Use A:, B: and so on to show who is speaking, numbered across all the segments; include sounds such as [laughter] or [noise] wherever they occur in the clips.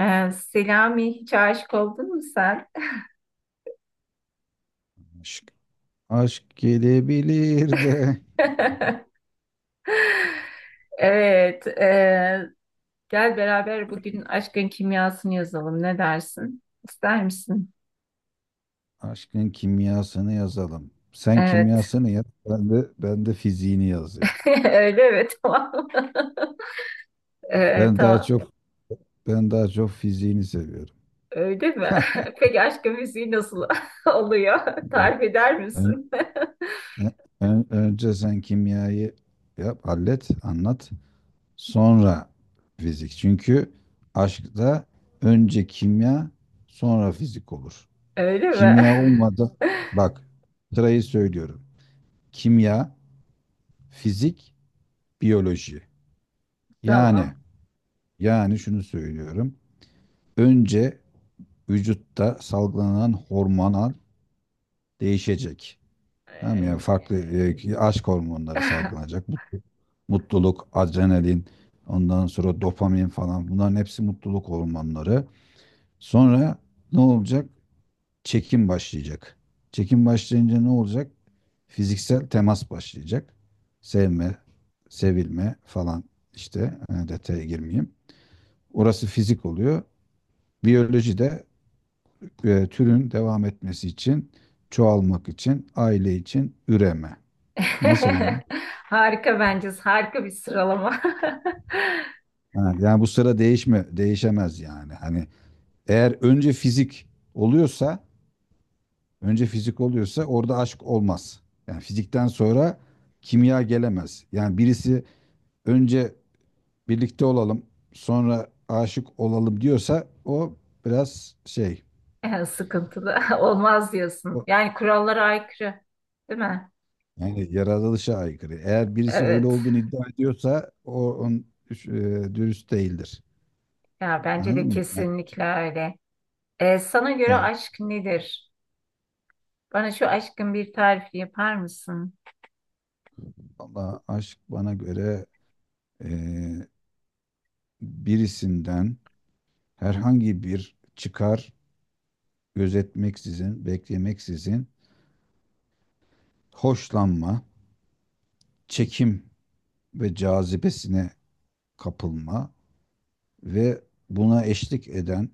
A: Selami, hiç aşık oldun mu sen?
B: Aşk, aşk gelebilir de
A: [laughs] Evet. Gel beraber bugün aşkın kimyasını yazalım. Ne dersin? İster misin?
B: aşkın kimyasını yazalım. Sen
A: Evet.
B: kimyasını yaz, ben de fiziğini yazayım.
A: [laughs] Öyle mi? Tamam.
B: Ben daha
A: Tamam.
B: çok Ben daha çok fiziğini seviyorum.
A: Öyle mi? [laughs] Peki aşkın müziği nasıl [laughs] oluyor?
B: Ya,
A: Tarif eder
B: ön-
A: misin?
B: ön- önce sen kimyayı yap, hallet, anlat. Sonra fizik. Çünkü aşkta önce kimya, sonra fizik olur.
A: [laughs] Öyle mi?
B: Kimya olmadan
A: [laughs]
B: bak sırayı söylüyorum. Kimya, fizik, biyoloji. Yani
A: Tamam.
B: Yani şunu söylüyorum. Önce vücutta salgılanan hormonal değişecek. Tamam mı? Yani
A: Ee,
B: farklı aşk hormonları
A: [laughs]
B: salgılanacak. Mutluluk, adrenalin, ondan sonra dopamin falan bunların hepsi mutluluk hormonları. Sonra ne olacak? Çekim başlayacak. Çekim başlayınca ne olacak? Fiziksel temas başlayacak. Sevme, sevilme falan işte detaya girmeyeyim. Orası fizik oluyor. Biyoloji de türün devam etmesi için, çoğalmak için, aile için üreme. Nasıl ama?
A: Harika bence. Harika bir sıralama. [laughs]
B: Ha, yani bu sıra değişemez yani. Hani eğer önce fizik oluyorsa, önce fizik oluyorsa orada aşk olmaz. Yani fizikten sonra kimya gelemez. Yani birisi önce birlikte olalım, sonra aşık olalım diyorsa o biraz şey,
A: Yani sıkıntılı [laughs] olmaz diyorsun.
B: o,
A: Yani kurallara aykırı, değil mi?
B: yani yaratılışa aykırı. Eğer birisi öyle
A: Evet.
B: olduğunu iddia ediyorsa o on, üş- e, dürüst değildir.
A: Ya bence
B: Anladın
A: de
B: mı? Yani,
A: kesinlikle öyle. Sana göre
B: yani
A: aşk nedir? Bana şu aşkın bir tarifi yapar mısın?
B: valla aşk bana göre e, birisinden herhangi bir çıkar gözetmeksizin, beklemeksizin hoşlanma, çekim ve cazibesine kapılma ve buna eşlik eden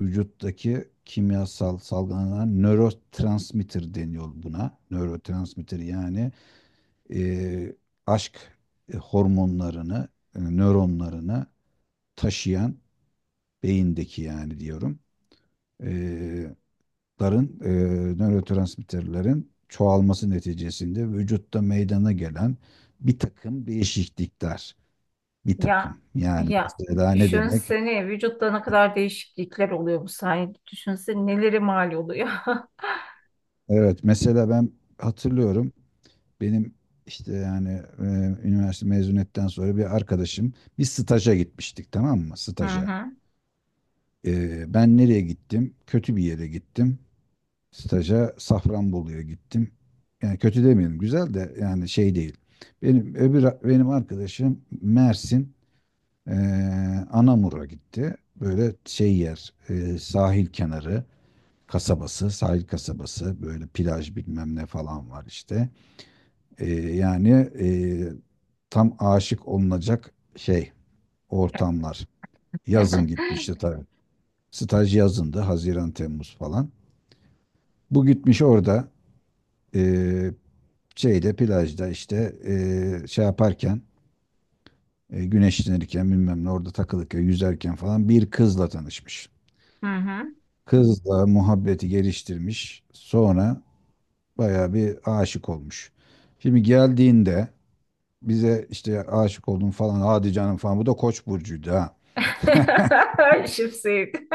B: vücuttaki kimyasal salgılanan nörotransmitter deniyor buna. Nörotransmitter yani e, aşk hormonlarını, nöronlarını taşıyan beyindeki yani diyorum. E, Ların, nörotransmitterlerin çoğalması neticesinde vücutta meydana gelen bir takım değişiklikler. Bir
A: Ya
B: takım. Yani
A: ya,
B: mesela ne demek?
A: düşünsene vücutta ne kadar değişiklikler oluyor bu sayede. Düşünsene neleri mal oluyor. [laughs]
B: Evet mesela ben hatırlıyorum. Benim işte yani e, üniversite mezuniyetten sonra bir arkadaşım bir staja gitmiştik, tamam mı?
A: Hı
B: Staja.
A: hı.
B: Ben nereye gittim? Kötü bir yere gittim. Staja Safranbolu'ya gittim. Yani kötü demeyelim, güzel de yani şey değil. Benim arkadaşım Mersin e, Anamur'a gitti. Böyle şey yer, sahil kenarı kasabası sahil kasabası, böyle plaj bilmem ne falan var işte. Yani e, tam aşık olunacak ortamlar. Yazın gitmişti
A: [laughs]
B: tabii. Staj yazındı, Haziran Temmuz falan. Bu gitmiş orada e, şeyde, plajda, işte şey yaparken, güneşlenirken, bilmem ne, orada takılırken, yüzerken falan bir kızla tanışmış.
A: Hı hı.
B: Kızla muhabbeti geliştirmiş. Sonra bayağı bir aşık olmuş. Şimdi geldiğinde bize işte aşık oldum falan, hadi canım falan. Bu da Koç burcuydu ha.
A: [laughs] Şıpsıyet. [laughs]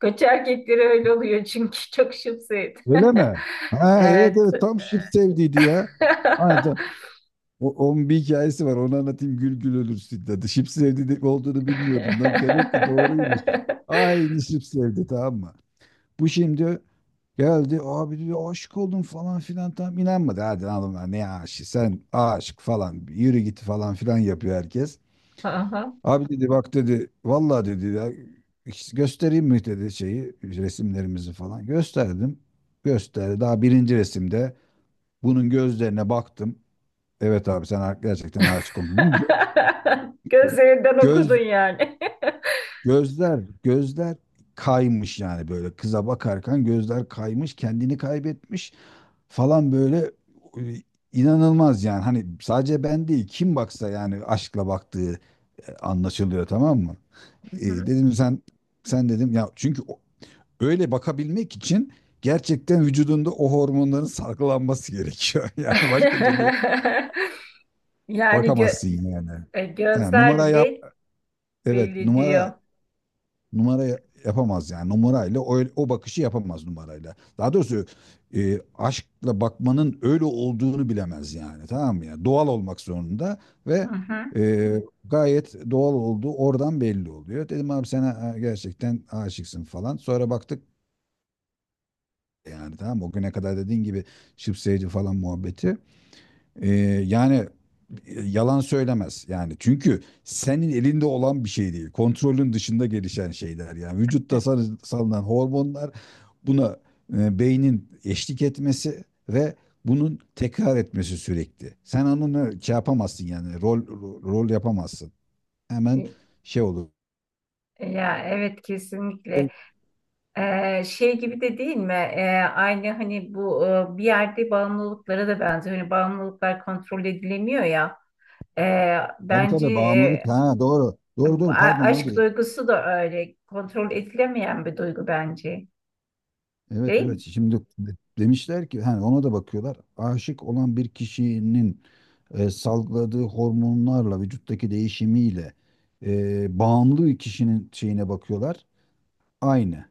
A: Koç erkekleri öyle oluyor çünkü çok şıpsıyet. [laughs]
B: Öyle mi? Ha evet
A: Evet.
B: evet tam şıp sevdiydi ya. Ha, ta- O, onun bir hikayesi var, onu anlatayım, gül gül ölürsün, dedi. Şıp sevdi olduğunu bilmiyordum. Lan demek ki doğruymuş.
A: [laughs]
B: Aynı şıp sevdi, tamam mı? Bu şimdi geldi, abi diyor aşık oldum falan filan, tam inanmadı. Hadi lan oğlum, ne aşık, sen aşık falan, yürü git falan filan yapıyor herkes.
A: Aha.
B: Abi dedi, bak dedi, vallahi dedi ya, hiç göstereyim mi dedi şeyi, resimlerimizi falan. Gösterdim. Gösterdi. Daha birinci resimde bunun gözlerine baktım. Evet abi sen ha- gerçekten aşık olmuşsun. Bunun gö-
A: [laughs] Gözlerinden okudun
B: göz
A: yani. [laughs]
B: gözler Gözler kaymış yani, böyle kıza bakarken gözler kaymış, kendini kaybetmiş falan, böyle e, inanılmaz yani. Hani sadece ben değil, kim baksa yani aşkla baktığı anlaşılıyor, tamam mı?
A: Mhm.
B: Dedim sen dedim ya, çünkü öyle bakabilmek için gerçekten vücudunda o hormonların salgılanması gerekiyor. [laughs] Yani başka türlü
A: [laughs] Yani
B: bakamazsın yani. Ha,
A: gözler
B: numara yap.
A: bile
B: Evet,
A: belli diyor.
B: yapamaz yani. Numarayla o bakışı yapamaz numarayla. Daha doğrusu aşkla bakmanın öyle olduğunu bilemez yani. Tamam mı? Yani doğal olmak zorunda ve
A: Hı.
B: gayet doğal olduğu oradan belli oluyor. Dedim abi sen ha- gerçekten aşıksın falan. Sonra baktık, yani tamam mı, o güne kadar dediğin gibi şıpseyci falan muhabbeti. Ee, Yani yalan söylemez yani. Çünkü senin elinde olan bir şey değil. Kontrolün dışında gelişen şeyler yani. Vücutta salınan hormonlar, buna beynin eşlik etmesi ve bunun tekrar etmesi sürekli. Sen onu şey yapamazsın yani, rol yapamazsın. Hemen şey olur.
A: Ya evet kesinlikle. Şey gibi de değil mi? Aynı hani bu bir yerde bağımlılıklara da benziyor. Hani bağımlılıklar kontrol edilemiyor ya.
B: Tabii
A: Bence
B: tabii bağımlılık. Ha doğru. Doğru
A: Bu
B: doğru,
A: a-
B: pardon,
A: aşk
B: öyle.
A: duygusu da öyle kontrol edilemeyen bir duygu bence.
B: Evet
A: Değil
B: evet
A: mi?
B: şimdi demişler ki, hani ona da bakıyorlar. Aşık olan bir kişinin salgıladığı hormonlarla vücuttaki değişimiyle bağımlı kişinin şeyine bakıyorlar. Aynı.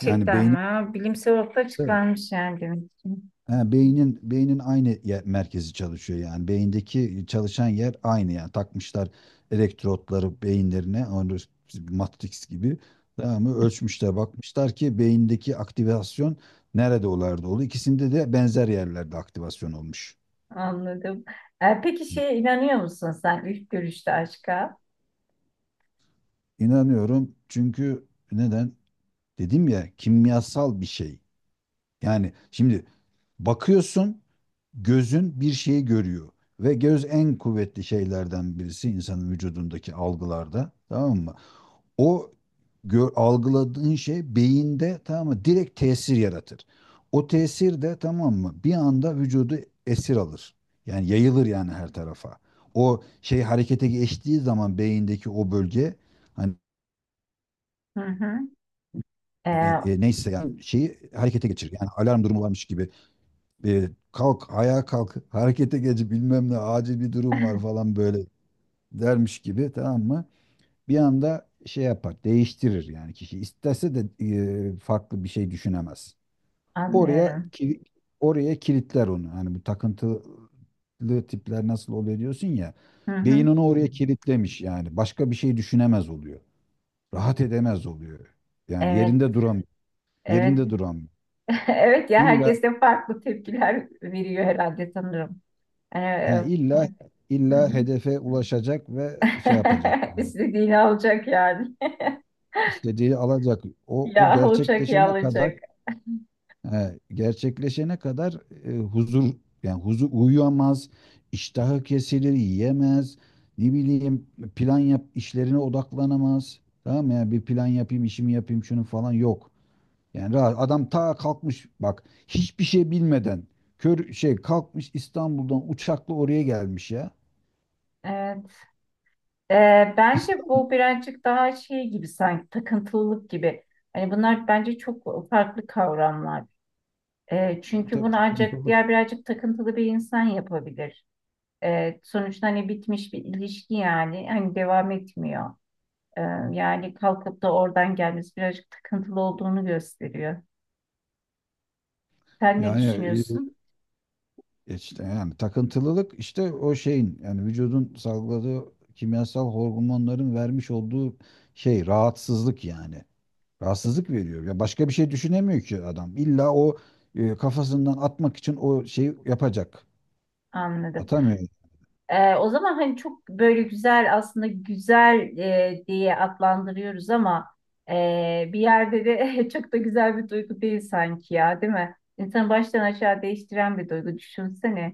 B: Yani
A: mi?
B: beyni,
A: Ha, bilimsel ortaya çıkarmış yani demek ki.
B: ha, beynin aynı yer, merkezi çalışıyor yani. Beyindeki çalışan yer aynı yani. Takmışlar elektrotları beyinlerine, onu Matrix gibi. Tamam mı? Ölçmüşler, bakmışlar ki beyindeki aktivasyon nerede olardı oldu. İkisinde de benzer yerlerde aktivasyon olmuş.
A: Anladım. E, peki şeye inanıyor musun sen ilk görüşte aşka?
B: İnanıyorum çünkü neden? Dedim ya, kimyasal bir şey. Yani şimdi bakıyorsun, gözün bir şeyi görüyor ve göz en kuvvetli şeylerden birisi insanın vücudundaki algılarda, tamam mı? O Gör, algıladığın şey beyinde, tamam mı? Direkt tesir yaratır. O tesir de, tamam mı, bir anda vücudu esir alır. Yani yayılır yani her tarafa. O şey harekete geçtiği zaman beyindeki o bölge, hani
A: Hı hı. E,
B: neyse yani, şeyi harekete geçirir. Yani alarm durumu varmış gibi, kalk ayağa, kalk harekete geç, bilmem ne, acil bir durum var falan böyle dermiş gibi, tamam mı? Bir anda şey yapar, değiştirir yani, kişi istese de farklı bir şey düşünemez. Oraya
A: anlıyorum.
B: kili- Oraya kilitler onu. Hani bu takıntılı tipler nasıl oluyor diyorsun ya.
A: Hı hı.
B: Beyin onu oraya kilitlemiş yani. Başka bir şey düşünemez oluyor. Rahat edemez oluyor. Yani
A: Evet,
B: yerinde duramıyor.
A: evet.
B: Yerinde duramıyor.
A: [laughs] Evet ya
B: İlla
A: herkes de farklı tepkiler veriyor herhalde sanırım. E,
B: He,
A: e,
B: illa
A: hı
B: illa
A: hı.
B: hedefe ulaşacak ve şey yapacak.
A: [laughs] İstediğini alacak yani. [laughs]
B: İstediği alacak. O
A: Ya olacak ya
B: gerçekleşene kadar,
A: alacak.
B: he, gerçekleşene kadar huzur, yani huzur, uyuyamaz, iştahı kesilir, yiyemez. Ne bileyim plan yap, işlerine odaklanamaz. Tamam mı? Yani bir plan yapayım, işimi yapayım, şunu falan yok. Yani rahat. Adam ta kalkmış bak, hiçbir şey bilmeden, kör şey kalkmış İstanbul'dan uçakla oraya gelmiş ya.
A: Evet. Bence
B: İstanbul.
A: bu birazcık daha şey gibi sanki takıntılılık gibi. Hani bunlar bence çok farklı kavramlar.
B: Tabii
A: Çünkü
B: tabii,
A: bunu ancak
B: tabii.
A: diğer birazcık takıntılı bir insan yapabilir. Sonuçta hani bitmiş bir ilişki yani hani devam etmiyor. Ee, Yani kalkıp da oradan gelmesi birazcık takıntılı olduğunu gösteriyor. Sen ne
B: Yani
A: düşünüyorsun?
B: işte yani takıntılılık işte o şeyin, yani vücudun salgıladığı kimyasal hormonların vermiş olduğu şey, rahatsızlık yani. Rahatsızlık veriyor. Ya başka bir şey düşünemiyor ki adam. İlla o kafasından atmak için o şeyi yapacak.
A: Anladım.
B: Atamıyor.
A: O zaman hani çok böyle güzel aslında güzel diye adlandırıyoruz ama bir yerde de [laughs] çok da güzel bir duygu değil sanki ya, değil mi? İnsanı baştan aşağı değiştiren bir duygu. Düşünsene.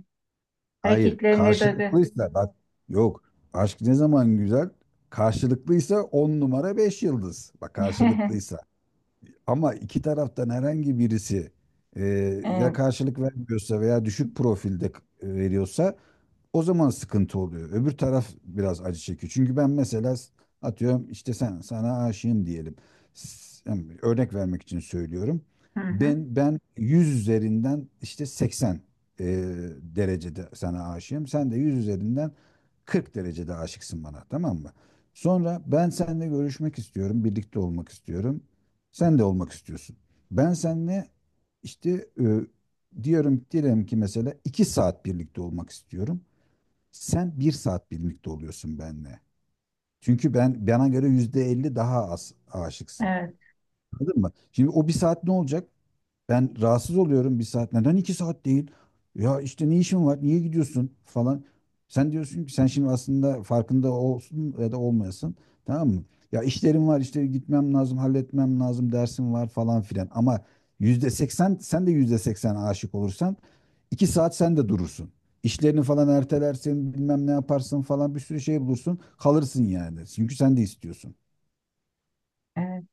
B: Hayır,
A: Hareketlerinde duygu.
B: karşılıklıysa bak, yok. Aşk ne zaman güzel? Karşılıklıysa on numara beş yıldız. Bak karşılıklıysa.
A: [laughs]
B: Ama iki taraftan herhangi birisi e,
A: E,
B: ya karşılık vermiyorsa veya düşük profilde veriyorsa o zaman sıkıntı oluyor. Öbür taraf biraz acı çekiyor. Çünkü ben mesela atıyorum işte, sen sana aşığım diyelim. Yani örnek vermek için söylüyorum.
A: hı hı.
B: Ben 100 üzerinden işte 80 e, derecede sana aşığım. Sen de 100 üzerinden 40 derecede aşıksın bana, tamam mı? Sonra ben seninle görüşmek istiyorum, birlikte olmak istiyorum. Sen de olmak istiyorsun. Ben seninle işte e, diyorum diyelim ki mesela 2 saat birlikte olmak istiyorum. Sen bir saat birlikte oluyorsun benimle. Çünkü ben, bana göre %50 daha az aşıksın.
A: Evet,
B: Anladın mı? Şimdi o bir saat ne olacak? Ben rahatsız oluyorum bir saat. Neden iki saat değil? Ya işte ne işin var? Niye gidiyorsun falan. Sen diyorsun ki, sen şimdi aslında farkında olsun ya da olmayasın. Tamam mı? Ya işlerim var işte, gitmem lazım, halletmem lazım, dersim var falan filan. Ama %80, sen de %80 aşık olursan iki saat sen de durursun. İşlerini falan ertelersin, bilmem ne yaparsın falan, bir sürü şey bulursun. Kalırsın yani. Çünkü sen de istiyorsun.
A: evet.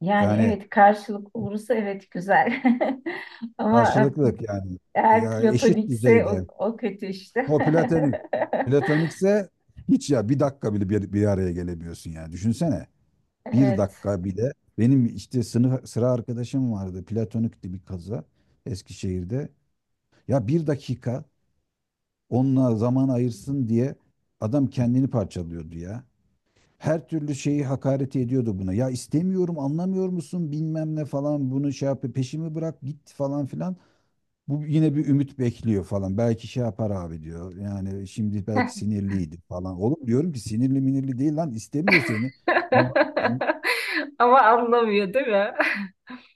A: Yani
B: Yani
A: evet karşılık olursa evet güzel. [laughs] Ama
B: karşılıklık yani.
A: eğer
B: Ya eşit
A: platonikse
B: düzeyde.
A: o kötü işte.
B: O platonik.
A: [laughs]
B: Platonikse hiç ya bir dakika bile bir araya gelemiyorsun yani. Düşünsene. Bir
A: Evet.
B: dakika bile. Benim işte sınıf sıra arkadaşım vardı. Platonikti bir kaza, Eskişehir'de. Ya bir dakika onunla zaman ayırsın diye adam kendini parçalıyordu ya. Her türlü şeyi hakaret ediyordu buna. Ya istemiyorum, anlamıyor musun, bilmem ne falan, bunu şey yap, peşimi bırak git falan filan. Bu yine bir ümit bekliyor falan. Belki şey yapar abi diyor. Yani şimdi belki
A: [laughs]
B: sinirliydi falan. Oğlum diyorum ki, sinirli minirli değil lan, istemiyor seni. An- an-
A: [laughs] Ama anlamıyor değil mi?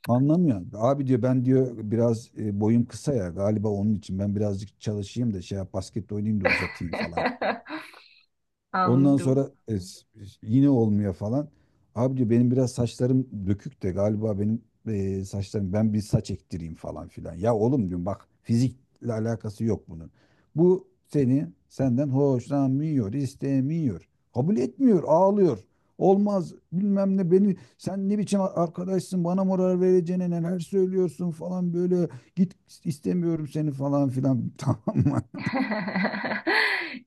B: Anlamıyor. Abi diyor, ben diyor biraz boyum kısa ya galiba, onun için ben birazcık çalışayım da şey yap, basket oynayayım da uzatayım falan.
A: [laughs]
B: Ondan
A: Anladım.
B: sonra yine olmuyor falan. Abi diyor, benim biraz saçlarım dökük de galiba, benim saçlarım, ben bir saç ektireyim falan filan. Ya oğlum diyorum, bak fizikle alakası yok bunun. Seni, senden hoşlanmıyor, istemiyor. Kabul etmiyor, ağlıyor. Olmaz bilmem ne, beni sen ne biçim arkadaşsın, bana moral vereceğine neler söylüyorsun falan, böyle git, istemiyorum seni falan filan [laughs] tamam mı?
A: [laughs]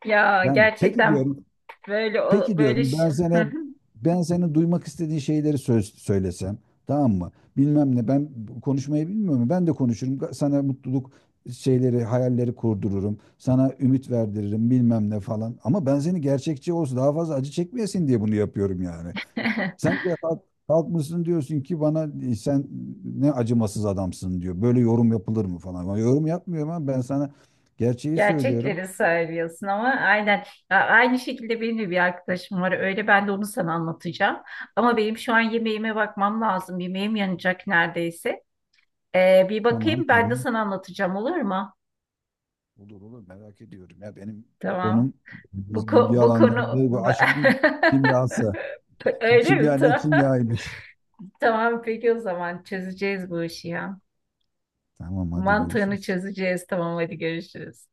A: Ya
B: Yani peki
A: gerçekten
B: diyorum
A: böyle o-
B: Peki
A: böyle
B: diyorum
A: ş-
B: ben sana, ben senin duymak istediğin şeyleri söylesem, tamam mı? Bilmem ne, ben konuşmayı bilmiyorum. Ben de konuşurum. Sana mutluluk şeyleri, hayalleri kurdururum. Sana ümit verdiririm bilmem ne falan. Ama ben seni gerçekçi olsun, daha fazla acı çekmeyesin diye bunu yapıyorum yani. Sen
A: [laughs]
B: de kalk, kalkmışsın diyorsun ki bana, sen ne acımasız adamsın diyor. Böyle yorum yapılır mı falan. Ben yorum yapmıyorum ama ben sana gerçeği söylüyorum.
A: gerçekleri söylüyorsun ama aynen. Ya aynı şekilde benim de bir arkadaşım var öyle, ben de onu sana anlatacağım, ama benim şu an yemeğime bakmam lazım, yemeğim yanacak neredeyse. Bir
B: Tamam
A: bakayım, ben de
B: tamam.
A: sana anlatacağım, olur mu?
B: Olur olur, merak ediyorum. Ya benim
A: Tamam,
B: konum, biz ilgi
A: bu konu
B: alanlarında bu aşkın kimyası.
A: [laughs]
B: Bu
A: öyle
B: kimya
A: mi?
B: ne
A: Tamam.
B: kimyaymış.
A: Tamam peki o zaman çözeceğiz bu işi ya.
B: Tamam hadi
A: Mantığını
B: görüşürüz.
A: çözeceğiz. Tamam hadi görüşürüz.